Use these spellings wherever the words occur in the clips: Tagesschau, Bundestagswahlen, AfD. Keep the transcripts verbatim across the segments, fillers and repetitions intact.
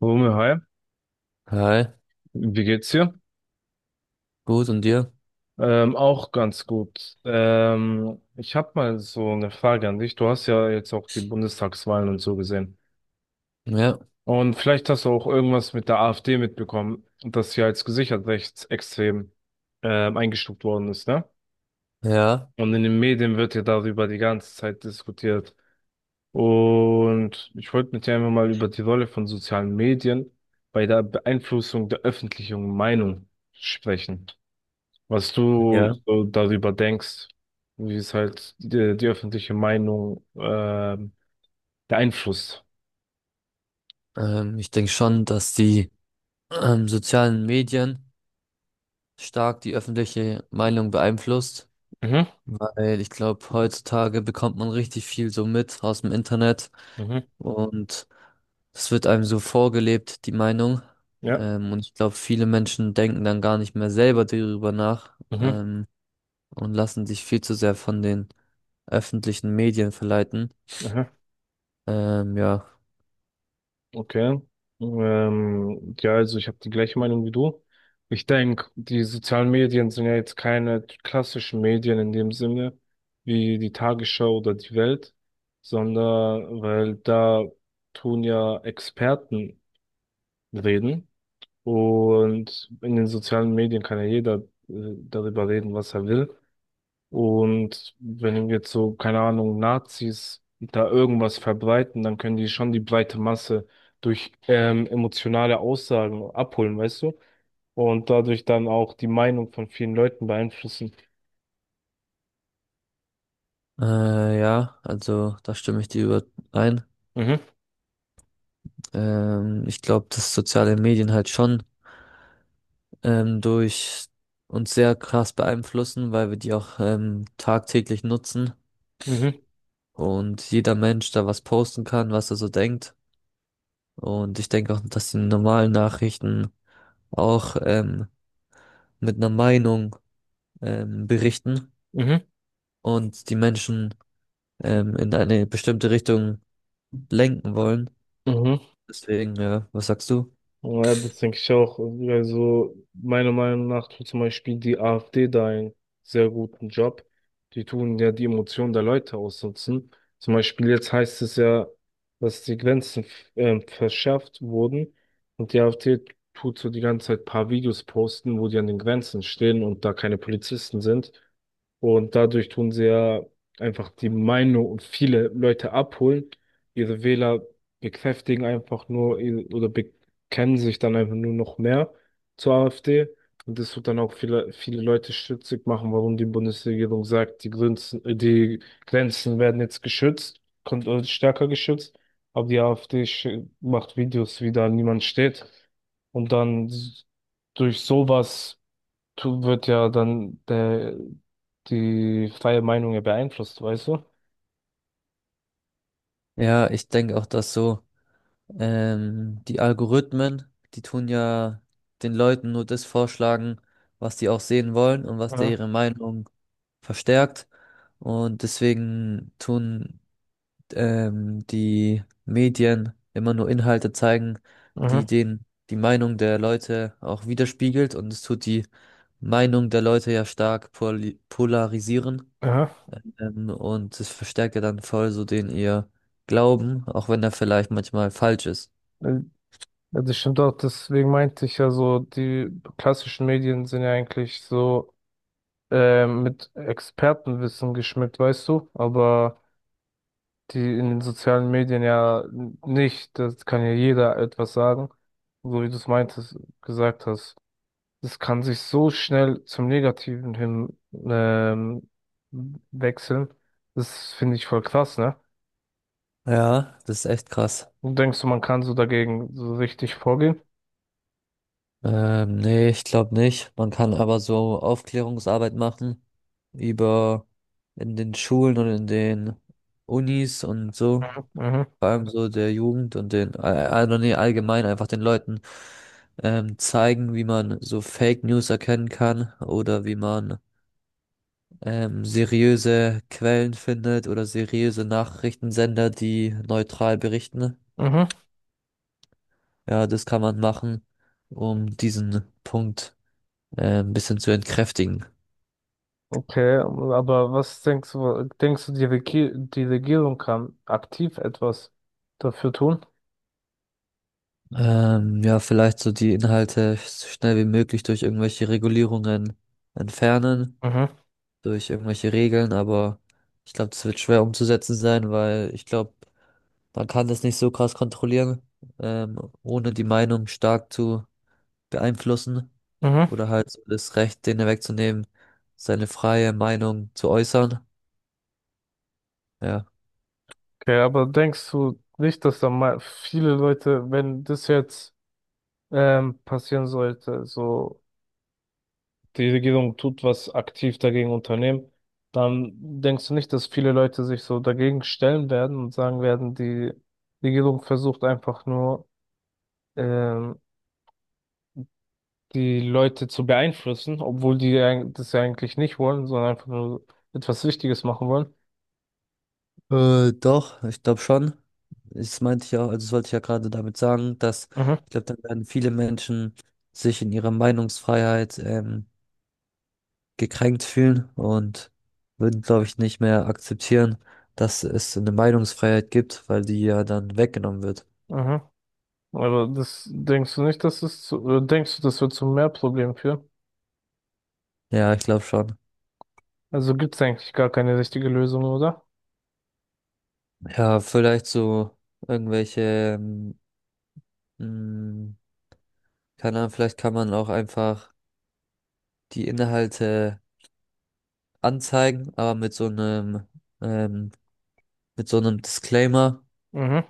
Wumme, hi, Hi, wie geht's dir? gut und dir? Ähm, auch ganz gut. Ähm, ich habe mal so eine Frage an dich. Du hast ja jetzt auch die Bundestagswahlen und so gesehen. Ja, Und vielleicht hast du auch irgendwas mit der A F D mitbekommen, dass sie als gesichert rechtsextrem ähm, eingestuft worden ist, ne? ja, Und in den Medien wird ja darüber die ganze Zeit diskutiert. Und ich wollte mit dir einfach mal über die Rolle von sozialen Medien bei der Beeinflussung der öffentlichen Meinung sprechen, was du Ja. so darüber denkst, wie es halt die, die öffentliche Meinung ähm, beeinflusst. Ähm, ich denke schon, dass die ähm, sozialen Medien stark die öffentliche Meinung beeinflusst, Mhm, weil ich glaube, heutzutage bekommt man richtig viel so mit aus dem Internet mhm, und es wird einem so vorgelebt, die Meinung. ja, Ähm, und ich glaube, viele Menschen denken dann gar nicht mehr selber darüber nach, mhm, ähm, und lassen sich viel zu sehr von den öffentlichen Medien verleiten. aha, Ähm, ja. okay. Ähm, ja, also ich habe die gleiche Meinung wie du. Ich denke, die sozialen Medien sind ja jetzt keine klassischen Medien in dem Sinne, wie die Tagesschau oder die Welt, sondern weil da tun ja Experten reden. Und in den sozialen Medien kann ja jeder äh, darüber reden, was er will. Und wenn jetzt so, keine Ahnung, Nazis da irgendwas verbreiten, dann können die schon die breite Masse durch ähm, emotionale Aussagen abholen, weißt du? Und dadurch dann auch die Meinung von vielen Leuten beeinflussen. Äh, ja, also da stimme ich dir überein. Mhm, Ähm, ich glaube, dass soziale Medien halt schon ähm, durch uns sehr krass beeinflussen, weil wir die auch ähm, tagtäglich nutzen mhm, und jeder Mensch da was posten kann, was er so denkt. Und ich denke auch, dass die normalen Nachrichten auch ähm, mit einer Meinung ähm, berichten mhm, und die Menschen ähm, in eine bestimmte Richtung lenken wollen. mhm. Deswegen, ja, was sagst du? Ja, das denke ich auch. Also meiner Meinung nach tut zum Beispiel die A F D da einen sehr guten Job. Die tun ja die Emotionen der Leute ausnutzen. Zum Beispiel jetzt heißt es ja, dass die Grenzen ähm, verschärft wurden und die AfD tut so die ganze Zeit ein paar Videos posten, wo die an den Grenzen stehen und da keine Polizisten sind. Und dadurch tun sie ja einfach die Meinung und viele Leute abholen, ihre Wähler bekräftigen einfach nur ihr- oder be kennen sich dann einfach nur noch mehr zur A F D. Und das wird dann auch viele, viele Leute stutzig machen, warum die Bundesregierung sagt, die Grenzen, äh, die Grenzen werden jetzt geschützt, kommt äh, stärker geschützt. Aber die A F D sch- macht Videos, wie da niemand steht. Und dann s- durch sowas tu- wird ja dann der, die freie Meinung ja beeinflusst, weißt du? Ja, ich denke auch, dass so ähm, die Algorithmen, die tun ja den Leuten nur das vorschlagen, was die auch sehen wollen und was der Aha, ihre Meinung verstärkt. Und deswegen tun ähm, die Medien immer nur Inhalte zeigen, die aha, den, die Meinung der Leute auch widerspiegelt. Und es tut die Meinung der Leute ja stark poli- polarisieren. aha. Ähm, und es verstärkt ja dann voll so den ihr Glauben, auch wenn er vielleicht manchmal falsch ist. Ja, das stimmt auch, deswegen meinte ich ja so, die klassischen Medien sind ja eigentlich so ähm, mit Expertenwissen geschmückt, weißt du, aber die in den sozialen Medien ja n- nicht, das kann ja jeder etwas sagen, so wie du es meintest, gesagt hast. Das kann sich so schnell zum Negativen hin ähm, wechseln. Das finde ich voll krass, ne? Ja, das ist echt krass. Und denkst du, man kann so dagegen so richtig vorgehen? Ähm, nee, ich glaube nicht. Man kann aber so Aufklärungsarbeit machen über in den Schulen und in den Unis und so. Mhm. Vor allem so der Jugend und den, also äh, nee, allgemein einfach den Leuten ähm, zeigen, wie man so Fake News erkennen kann oder wie man ähm, seriöse Quellen findet oder seriöse Nachrichtensender, die neutral berichten. Mhm. Ja, das kann man machen, um diesen Punkt äh, ein bisschen zu entkräftigen. Okay, aber was denkst du, denkst du, die Regi- die Regierung kann aktiv etwas dafür tun? Ähm, ja, vielleicht so die Inhalte so schnell wie möglich durch irgendwelche Regulierungen entfernen, Mhm. durch irgendwelche Regeln, aber ich glaube, das wird schwer umzusetzen sein, weil ich glaube, man kann das nicht so krass kontrollieren, ähm, ohne die Meinung stark zu beeinflussen Mhm. oder halt so das Recht, denen wegzunehmen, seine freie Meinung zu äußern. Ja. Okay, aber denkst du nicht, dass da mal viele Leute, wenn das jetzt ähm, passieren sollte, so die Regierung tut was aktiv dagegen unternehmen, dann denkst du nicht, dass viele Leute sich so dagegen stellen werden und sagen werden, die Regierung versucht einfach nur ähm, die Leute zu beeinflussen, obwohl die ja das ja eigentlich nicht wollen, sondern einfach nur etwas Wichtiges machen wollen. Äh, doch, ich glaube schon. Das meinte ich ja, also das wollte ich ja gerade damit sagen, dass Mhm, ich glaube, dann werden viele Menschen sich in ihrer Meinungsfreiheit ähm, gekränkt fühlen und würden, glaube ich, nicht mehr akzeptieren, dass es so eine Meinungsfreiheit gibt, weil die ja dann weggenommen wird. mhm. Aber das denkst du nicht, dass es zu, oder denkst du, das wird zu mehr Problemen führen? Ja, ich glaube schon. Also gibt es eigentlich gar keine richtige Lösung, oder? Ja, vielleicht so irgendwelche ähm, keine Ahnung, vielleicht kann man auch einfach die Inhalte anzeigen, aber mit so einem, ähm, mit so einem Disclaimer. Mhm.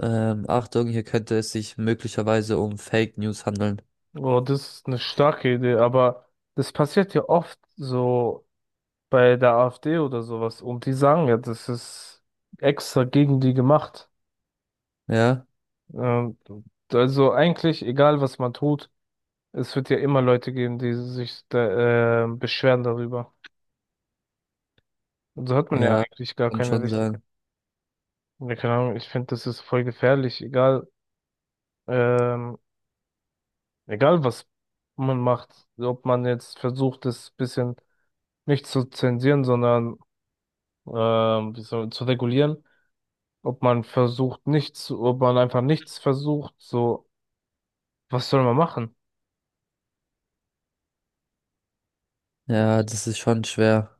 Ähm, Achtung, hier könnte es sich möglicherweise um Fake News handeln. Oh, das ist eine starke Idee, aber das passiert ja oft so bei der A F D oder sowas. Und die sagen ja, das ist extra gegen die gemacht. Ja, Ähm, also eigentlich, egal was man tut, es wird ja immer Leute geben, die sich da, äh, beschweren darüber. Und so hat man ja ja, eigentlich gar und keine schon richtige, sagen. ja, keine Ahnung, ich finde, das ist voll gefährlich, egal, ähm, egal was man macht, ob man jetzt versucht, das bisschen nicht zu zensieren, sondern ähm, wie soll, zu regulieren, ob man versucht nichts, ob man einfach nichts versucht, so. Was soll man machen? Ja, das ist schon schwer,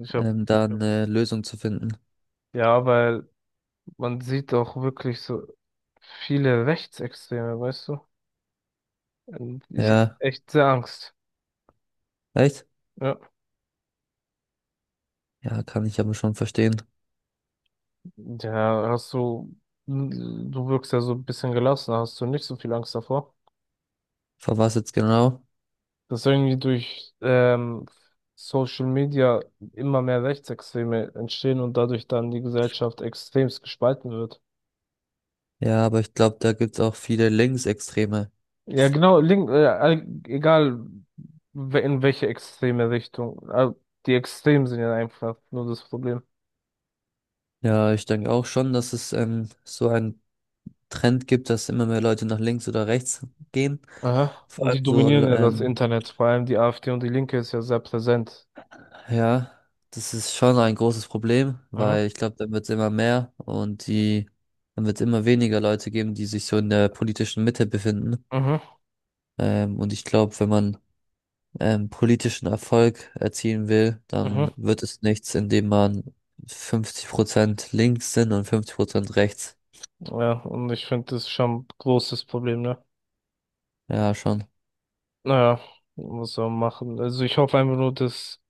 Ich hab, ähm, da eine Lösung zu finden. ja, weil man sieht auch wirklich so viele Rechtsextreme, weißt du? Und ich habe Ja, echt sehr Angst. echt? Ja. Ja, kann ich aber schon verstehen. Ja, hast du, hm, du wirkst ja so ein bisschen gelassen, hast du nicht so viel Angst davor, Vor was jetzt genau? dass irgendwie durch ähm, Social Media immer mehr Rechtsextreme entstehen und dadurch dann die Gesellschaft extremst gespalten wird. Ja, aber ich glaube, da gibt's auch viele Linksextreme. Ja, genau, link, äh, all- egal we- in welche extreme Richtung. Äh, Die Extremen sind ja einfach nur das Problem. Ja, ich denke auch schon, dass es ähm, so ein Trend gibt, dass immer mehr Leute nach links oder rechts gehen. Aha. Vor Und allem die so, dominieren Mhm. ja das ähm, Internet, vor allem die A F D und die Linke ist ja sehr präsent. ja, das ist schon ein großes Problem, Mhm. weil ich glaube, dann wird es immer mehr und die, dann wird es immer weniger Leute geben, die sich so in der politischen Mitte befinden. Mhm. Ähm, und ich glaube, wenn man ähm, politischen Erfolg erzielen will, dann Mhm. wird es nichts, indem man fünfzig Prozent links sind und fünfzig Prozent rechts. Ja, und ich finde, das ist schon ein großes Problem, ne? Ja, schon. Naja, muss man machen. Also ich hoffe einfach nur, dass,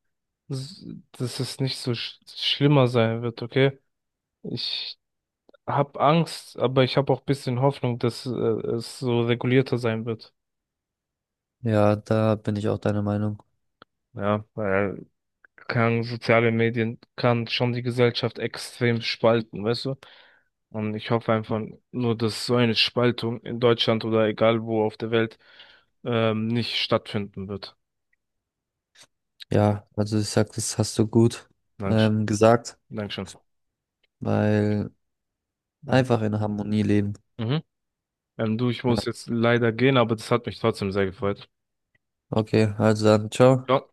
dass es nicht so sch schlimmer sein wird, okay? Ich habe Angst, aber ich habe auch ein bisschen Hoffnung, dass äh, es so regulierter sein wird. Ja, da bin ich auch deiner Meinung. Ja, weil kann, soziale Medien kann schon die Gesellschaft extrem spalten, weißt du? Und ich hoffe einfach nur, dass so eine Spaltung in Deutschland oder egal wo auf der Welt ähm, nicht stattfinden wird. Ja, also ich sag, das hast du gut Dankeschön. ähm, gesagt, Dankeschön. weil Mhm. einfach in Harmonie leben. Mhm. Ähm, du, ich muss jetzt leider gehen, aber das hat mich trotzdem sehr gefreut. Okay, also dann, ciao. Ciao.